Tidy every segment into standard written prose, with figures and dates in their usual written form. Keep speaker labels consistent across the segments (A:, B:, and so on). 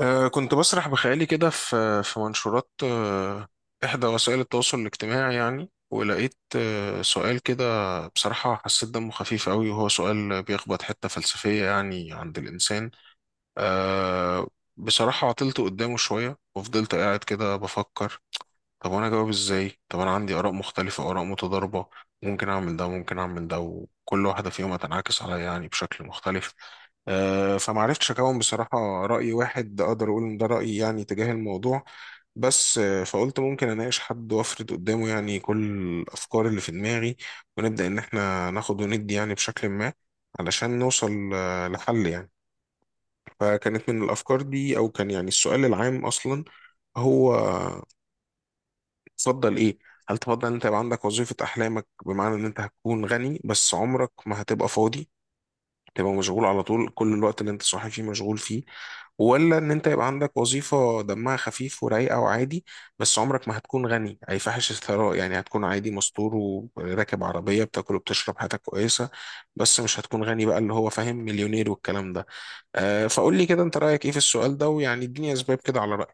A: كنت بسرح بخيالي كده في منشورات إحدى وسائل التواصل الاجتماعي يعني، ولقيت سؤال كده. بصراحة حسيت دمه خفيف قوي، وهو سؤال بيخبط حتة فلسفية يعني عند الإنسان. أه بصراحة عطلت قدامه شوية وفضلت قاعد كده بفكر: طب وانا اجاوب ازاي؟ طب انا عندي اراء مختلفه، اراء متضاربه، ممكن اعمل ده ممكن اعمل ده، وكل واحده فيهم هتنعكس عليا يعني بشكل مختلف. فما عرفتش اكون بصراحه راي واحد اقدر اقول ان ده رايي يعني تجاه الموضوع. بس فقلت ممكن اناقش حد وافرد قدامه يعني كل الافكار اللي في دماغي، ونبدا ان احنا ناخد وندي يعني بشكل ما علشان نوصل لحل يعني. فكانت من الافكار دي، او كان يعني السؤال العام اصلا هو: تفضل ايه؟ هل تفضل ان انت يبقى عندك وظيفة احلامك، بمعنى ان انت هتكون غني بس عمرك ما هتبقى فاضي، تبقى مشغول على طول، كل الوقت اللي انت صاحي فيه مشغول فيه؟ ولا ان انت يبقى عندك وظيفة دمها خفيف ورايقة وعادي، بس عمرك ما هتكون غني اي فاحش الثراء، يعني هتكون عادي مستور وراكب عربية بتاكل وبتشرب، حياتك كويسة، بس مش هتكون غني بقى اللي هو فاهم مليونير والكلام ده؟ فقول لي كده انت رأيك ايه في السؤال ده، ويعني اديني اسباب كده على.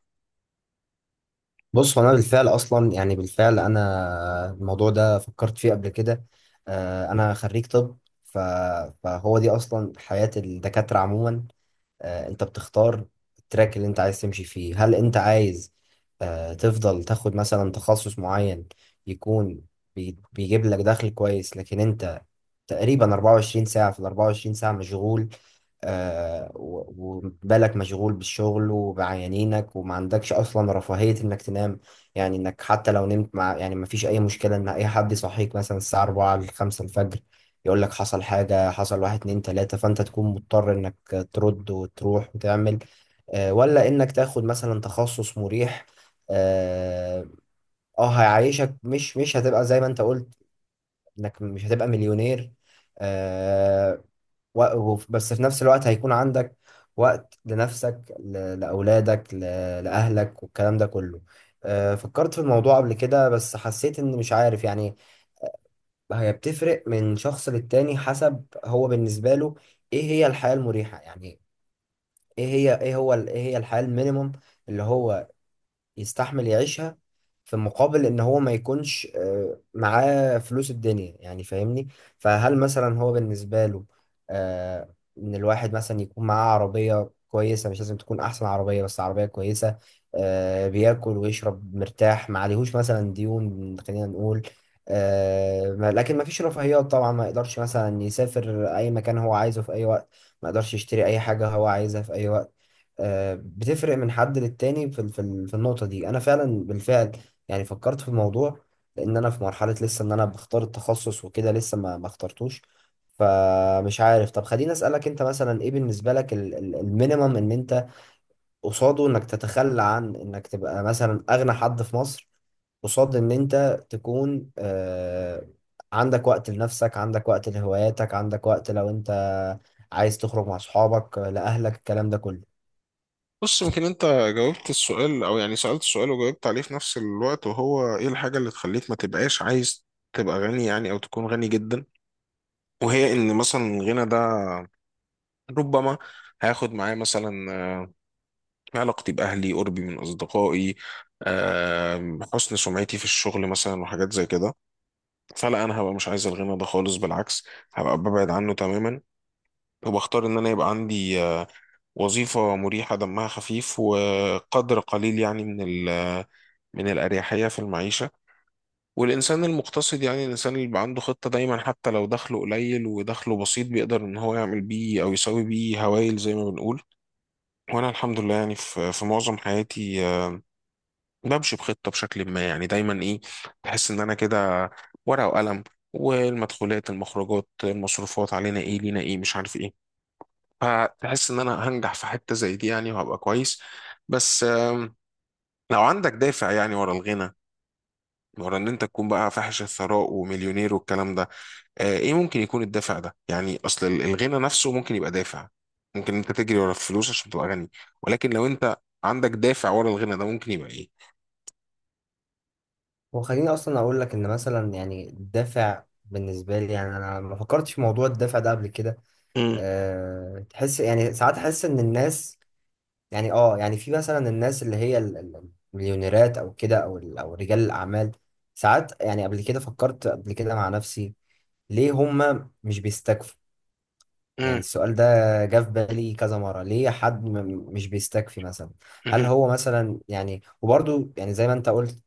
B: بص هو انا بالفعل اصلا يعني بالفعل انا الموضوع ده فكرت فيه قبل كده. انا خريج طب. ف- فهو دي اصلا حياة الدكاترة عموما. انت بتختار التراك اللي انت عايز تمشي فيه. هل انت عايز تفضل تاخد مثلا تخصص معين يكون بيجيب لك دخل كويس، لكن انت تقريبا 24 ساعة في ال 24 ساعة مشغول. وبالك مشغول بالشغل وبعيانينك، وما عندكش اصلا رفاهية انك تنام، يعني انك حتى لو نمت مع يعني ما فيش اي مشكلة ان اي حد يصحيك مثلا الساعة 4 ل 5 الفجر، يقول لك حصل حاجة، حصل واحد اتنين تلاتة، فانت تكون مضطر ترد وتروح وتعمل. ولا انك تاخد مثلا تخصص مريح، اه، هيعيشك. مش هتبقى زي ما انت قلت، انك مش هتبقى مليونير، آه، بس في نفس الوقت هيكون عندك وقت لنفسك، لأولادك، لأهلك والكلام ده كله. آه، فكرت في الموضوع قبل كده بس حسيت ان مش عارف، يعني هي بتفرق من شخص للتاني حسب هو بالنسبة له ايه هي الحياة المريحة، يعني ايه هي، ايه هو ال-، ايه هي الحياة المينيموم اللي هو يستحمل يعيشها في مقابل ان هو ما يكونش معاه فلوس الدنيا، يعني فاهمني؟ فهل مثلا هو بالنسبة له ان الواحد مثلا يكون معاه عربية كويسة، مش لازم تكون احسن عربية بس عربية كويسة، بياكل ويشرب مرتاح، ما عليهوش مثلا ديون، خلينا نقول، لكن ما فيش رفاهيات طبعا، ما يقدرش مثلا يسافر اي مكان هو عايزه في اي وقت، ما يقدرش يشتري اي حاجة هو عايزها في اي وقت. آه، بتفرق من حد للتاني. في ال-، في ال-، في النقطة دي أنا فعلا بالفعل يعني فكرت في الموضوع، لأن أنا في مرحلة لسه إن أنا بختار التخصص وكده، لسه ما اخترتوش. فمش عارف، طب خليني أسألك أنت مثلا إيه بالنسبة لك ال-، ال- المينيمم إن أنت قصاده إنك تتخلى عن إنك تبقى مثلا أغنى حد في مصر، قصاد إن أنت تكون عندك وقت لنفسك، عندك وقت لهواياتك، عندك وقت لو أنت عايز تخرج مع أصحابك، لأهلك، الكلام ده كله.
A: بص، يمكن انت جاوبت السؤال او يعني سألت السؤال وجاوبت عليه في نفس الوقت. وهو ايه الحاجة اللي تخليك ما تبقاش عايز تبقى غني يعني، او تكون غني جدا؟ وهي ان مثلا الغنى ده ربما هياخد معايا مثلا علاقتي باهلي، قربي من اصدقائي، حسن سمعتي في الشغل مثلا، وحاجات زي كده. فلا، انا هبقى مش عايز الغنى ده خالص، بالعكس هبقى ببعد عنه تماما، وبختار ان انا يبقى عندي وظيفة مريحة دمها خفيف وقدر قليل يعني من من الأريحية في المعيشة. والإنسان المقتصد يعني الإنسان اللي بيبقى عنده خطة دايما، حتى لو دخله قليل ودخله بسيط، بيقدر إن هو يعمل بيه أو يسوي بيه هوايل زي ما بنقول. وأنا الحمد لله يعني في معظم حياتي بمشي بخطة بشكل ما يعني، دايما إيه، بحس إن أنا كده ورقة وقلم، والمدخولات المخرجات المصروفات، علينا إيه لينا إيه، مش عارف إيه. فتحس ان انا هنجح في حتة زي دي يعني وهبقى كويس. بس لو عندك دافع يعني ورا الغنى، ورا ان انت تكون بقى فاحش الثراء ومليونير والكلام ده، ايه ممكن يكون الدافع ده يعني؟ اصل الغنى نفسه ممكن يبقى دافع، ممكن انت تجري ورا الفلوس عشان تبقى غني. ولكن لو انت عندك دافع ورا الغنى ده، ممكن يبقى ايه؟
B: وخليني اصلا اقول لك ان مثلا يعني الدافع بالنسبه لي، يعني انا ما فكرتش في موضوع الدافع ده قبل كده.
A: مم.
B: أه، تحس يعني ساعات، احس ان الناس، يعني اه يعني في مثلا الناس اللي هي ال-، ال- المليونيرات او كده، او ال-، او رجال الاعمال، ساعات يعني قبل كده فكرت قبل كده مع نفسي ليه هما مش بيستكفوا؟ يعني
A: مم.
B: السؤال ده جه في بالي كذا مرة، ليه حد مش بيستكفي مثلا؟ هل
A: مهم.
B: هو مثلا يعني، وبرضو يعني زي ما انت قلت،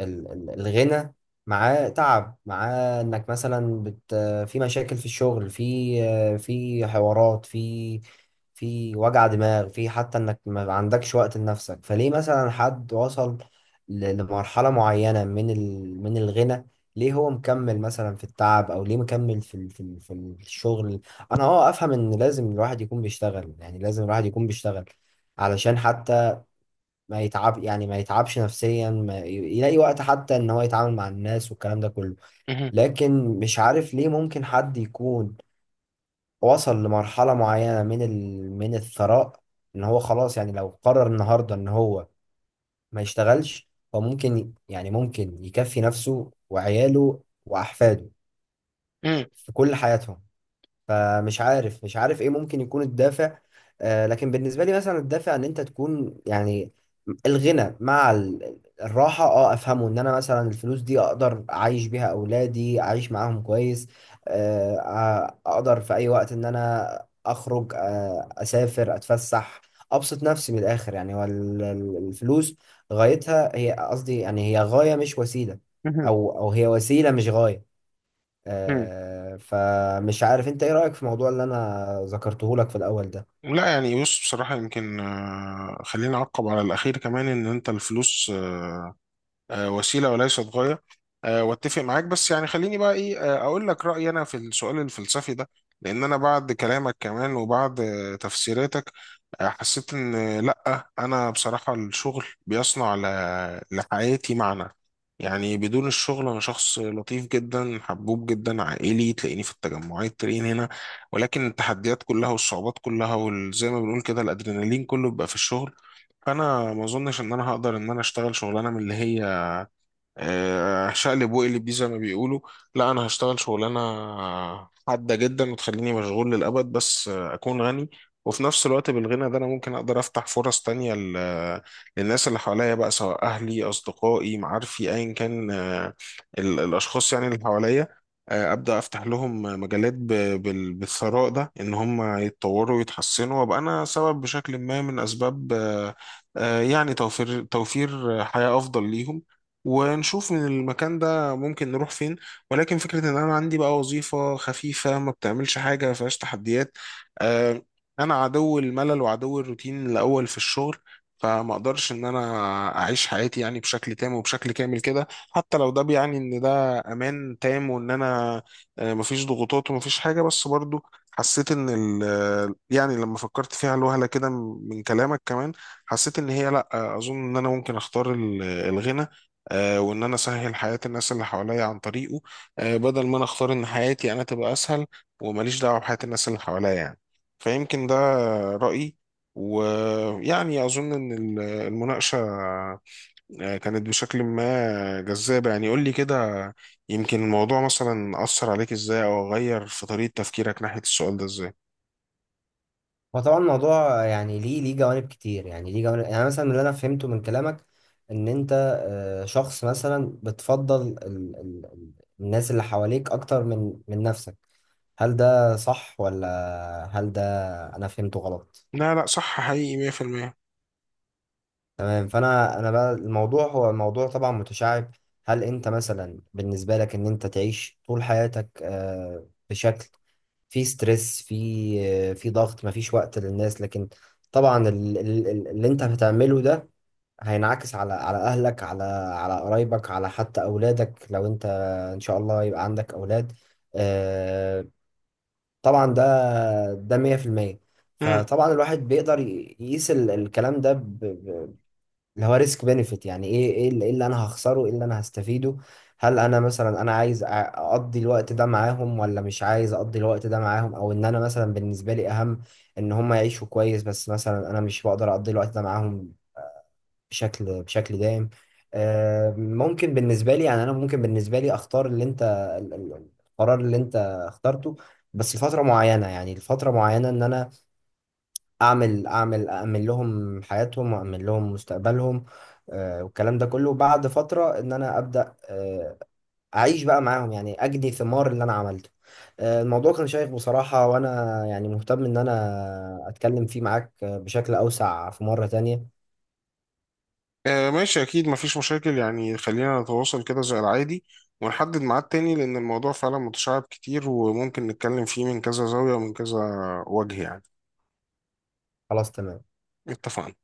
B: ال-، ال- الغنى معاه تعب، معاه انك مثلا بت، في مشاكل في الشغل، في حوارات، في في وجع دماغ، في حتى انك ما عندكش وقت لنفسك. فليه مثلا حد وصل لمرحلة معينة من ال من الغنى، ليه هو مكمل مثلا في التعب، او ليه مكمل في ال، في ال، في الشغل؟ انا اه افهم ان لازم الواحد يكون بيشتغل، يعني لازم الواحد يكون بيشتغل علشان حتى ما يتعب، يعني ما يتعبش نفسيا، ما ي- يلاقي وقت حتى ان هو يتعامل مع الناس والكلام ده كله.
A: مهم.
B: لكن مش عارف ليه ممكن حد يكون وصل لمرحلة معينة من ال، من الثراء، ان هو خلاص، يعني لو قرر النهاردة ان هو ما يشتغلش، هو ممكن يعني ممكن يكفي نفسه وعياله واحفاده
A: مهم.
B: في كل حياتهم. فمش عارف، مش عارف ايه ممكن يكون الدافع. آه، لكن بالنسبة لي مثلا الدافع ان انت تكون، يعني الغنى مع ال- الراحة، اه افهمه، ان انا مثلا الفلوس دي اقدر اعيش بيها اولادي، اعيش معاهم كويس، اقدر في اي وقت ان انا اخرج، آه اسافر، اتفسح، ابسط نفسي. من الاخر يعني، هو ال-، ال- الفلوس غايتها هي، قصدي يعني هي غاية مش وسيلة،
A: مهم.
B: او او هي وسيلة مش غاية.
A: مهم.
B: آه، فمش عارف انت ايه رأيك في الموضوع اللي انا ذكرته لك في الاول ده؟
A: لا، يعني بص، بصراحة يمكن خليني أعقب على الأخير كمان. إن أنت الفلوس وسيلة وليست غاية، واتفق معاك. بس يعني خليني بقى ايه، اقول لك رأيي انا في السؤال الفلسفي ده. لان انا بعد كلامك كمان وبعد تفسيراتك، حسيت ان لا، انا بصراحة الشغل بيصنع لحياتي معنى. يعني بدون الشغل انا شخص لطيف جدا، حبوب جدا، عائلي، تلاقيني في التجمعات تلاقيني هنا. ولكن التحديات كلها والصعوبات كلها وزي ما بنقول كده الادرينالين كله بيبقى في الشغل. فانا ما اظنش ان انا هقدر ان انا اشتغل شغلانه من اللي هي شقلب وقلب دي زي ما بيقولوا. لا، انا هشتغل شغلانه حاده جدا وتخليني مشغول للابد بس اكون غني. وفي نفس الوقت بالغنى ده انا ممكن اقدر افتح فرص تانية للناس اللي حواليا بقى، سواء اهلي اصدقائي معارفي ايا كان، الاشخاص يعني اللي حواليا. ابدا افتح لهم مجالات بالثراء ده، ان هم يتطوروا ويتحسنوا، وابقى انا سبب بشكل ما من اسباب، يعني توفير توفير حياه افضل ليهم، ونشوف من المكان ده ممكن نروح فين. ولكن فكرة ان انا عندي بقى وظيفة خفيفة، ما بتعملش حاجة، ما فيهاش تحديات، آه، انا عدو الملل وعدو الروتين الاول في الشغل. فما اقدرش ان انا اعيش حياتي يعني بشكل تام وبشكل كامل كده، حتى لو ده بيعني ان ده امان تام وان انا مفيش ضغوطات ومفيش حاجة. بس برضو حسيت ان ال يعني لما فكرت فيها الوهلة كده من كلامك كمان، حسيت ان هي لا، اظن ان انا ممكن اختار الغنى، وان انا اسهل حياه الناس اللي حواليا عن طريقه، بدل ما انا اختار ان حياتي انا تبقى اسهل وماليش دعوه بحياه الناس اللي حواليا يعني. فيمكن ده رايي. ويعني اظن ان المناقشه كانت بشكل ما جذابه يعني. قول لي كده يمكن الموضوع مثلا اثر عليك ازاي، او غير في طريقه تفكيرك ناحيه السؤال ده ازاي؟
B: هو طبعا الموضوع يعني ليه، ليه جوانب كتير، يعني ليه جوانب. يعني مثلا اللي انا فهمته من كلامك ان انت شخص مثلا بتفضل ال-، ال-، ال- الناس اللي حواليك اكتر من من نفسك. هل ده صح، ولا هل ده انا فهمته غلط؟
A: لا لا، صح حقيقي، 100%.
B: تمام. فانا بقى، الموضوع هو الموضوع طبعا متشعب. هل انت مثلا بالنسبة لك ان انت تعيش طول حياتك بشكل في ستريس، في ضغط، مفيش وقت للناس، لكن طبعا ال-، ال-، ال- اللي انت هتعمله ده هينعكس على، على اهلك، على، على قرايبك، على حتى اولادك، لو انت ان شاء الله يبقى عندك اولاد. آه، طبعا ده، ده 100%.
A: مم.
B: فطبعا الواحد بيقدر يقيس ال- الكلام ده، اللي هو ريسك بينفيت، يعني ايه، إيه اللي انا هخسره، ايه اللي انا هستفيده؟ هل انا مثلا، انا عايز اقضي الوقت ده معاهم، ولا مش عايز اقضي الوقت ده معاهم؟ او ان انا مثلا بالنسبه لي اهم ان هم يعيشوا كويس، بس مثلا انا مش بقدر اقضي الوقت ده معاهم بشكل دائم. آه، ممكن بالنسبه لي، يعني انا ممكن بالنسبه لي اختار اللي انت ال-، ال- القرار اللي انت اخترته، بس لفتره معينه، يعني لفتره معينه ان انا اعمل لهم حياتهم، واعمل لهم مستقبلهم. آه، والكلام ده كله، بعد فترة ان انا ابدا اعيش بقى معاهم، يعني اجني ثمار اللي انا عملته. آه، الموضوع كان شيق بصراحة، وانا يعني مهتم ان انا اتكلم فيه معاك بشكل اوسع في مرة تانية.
A: آه، ماشي، أكيد مفيش مشاكل يعني. خلينا نتواصل كده زي العادي، ونحدد ميعاد تاني، لأن الموضوع فعلا متشعب كتير وممكن نتكلم فيه من كذا زاوية ومن كذا وجه يعني.
B: خلاص تمام.
A: اتفقنا.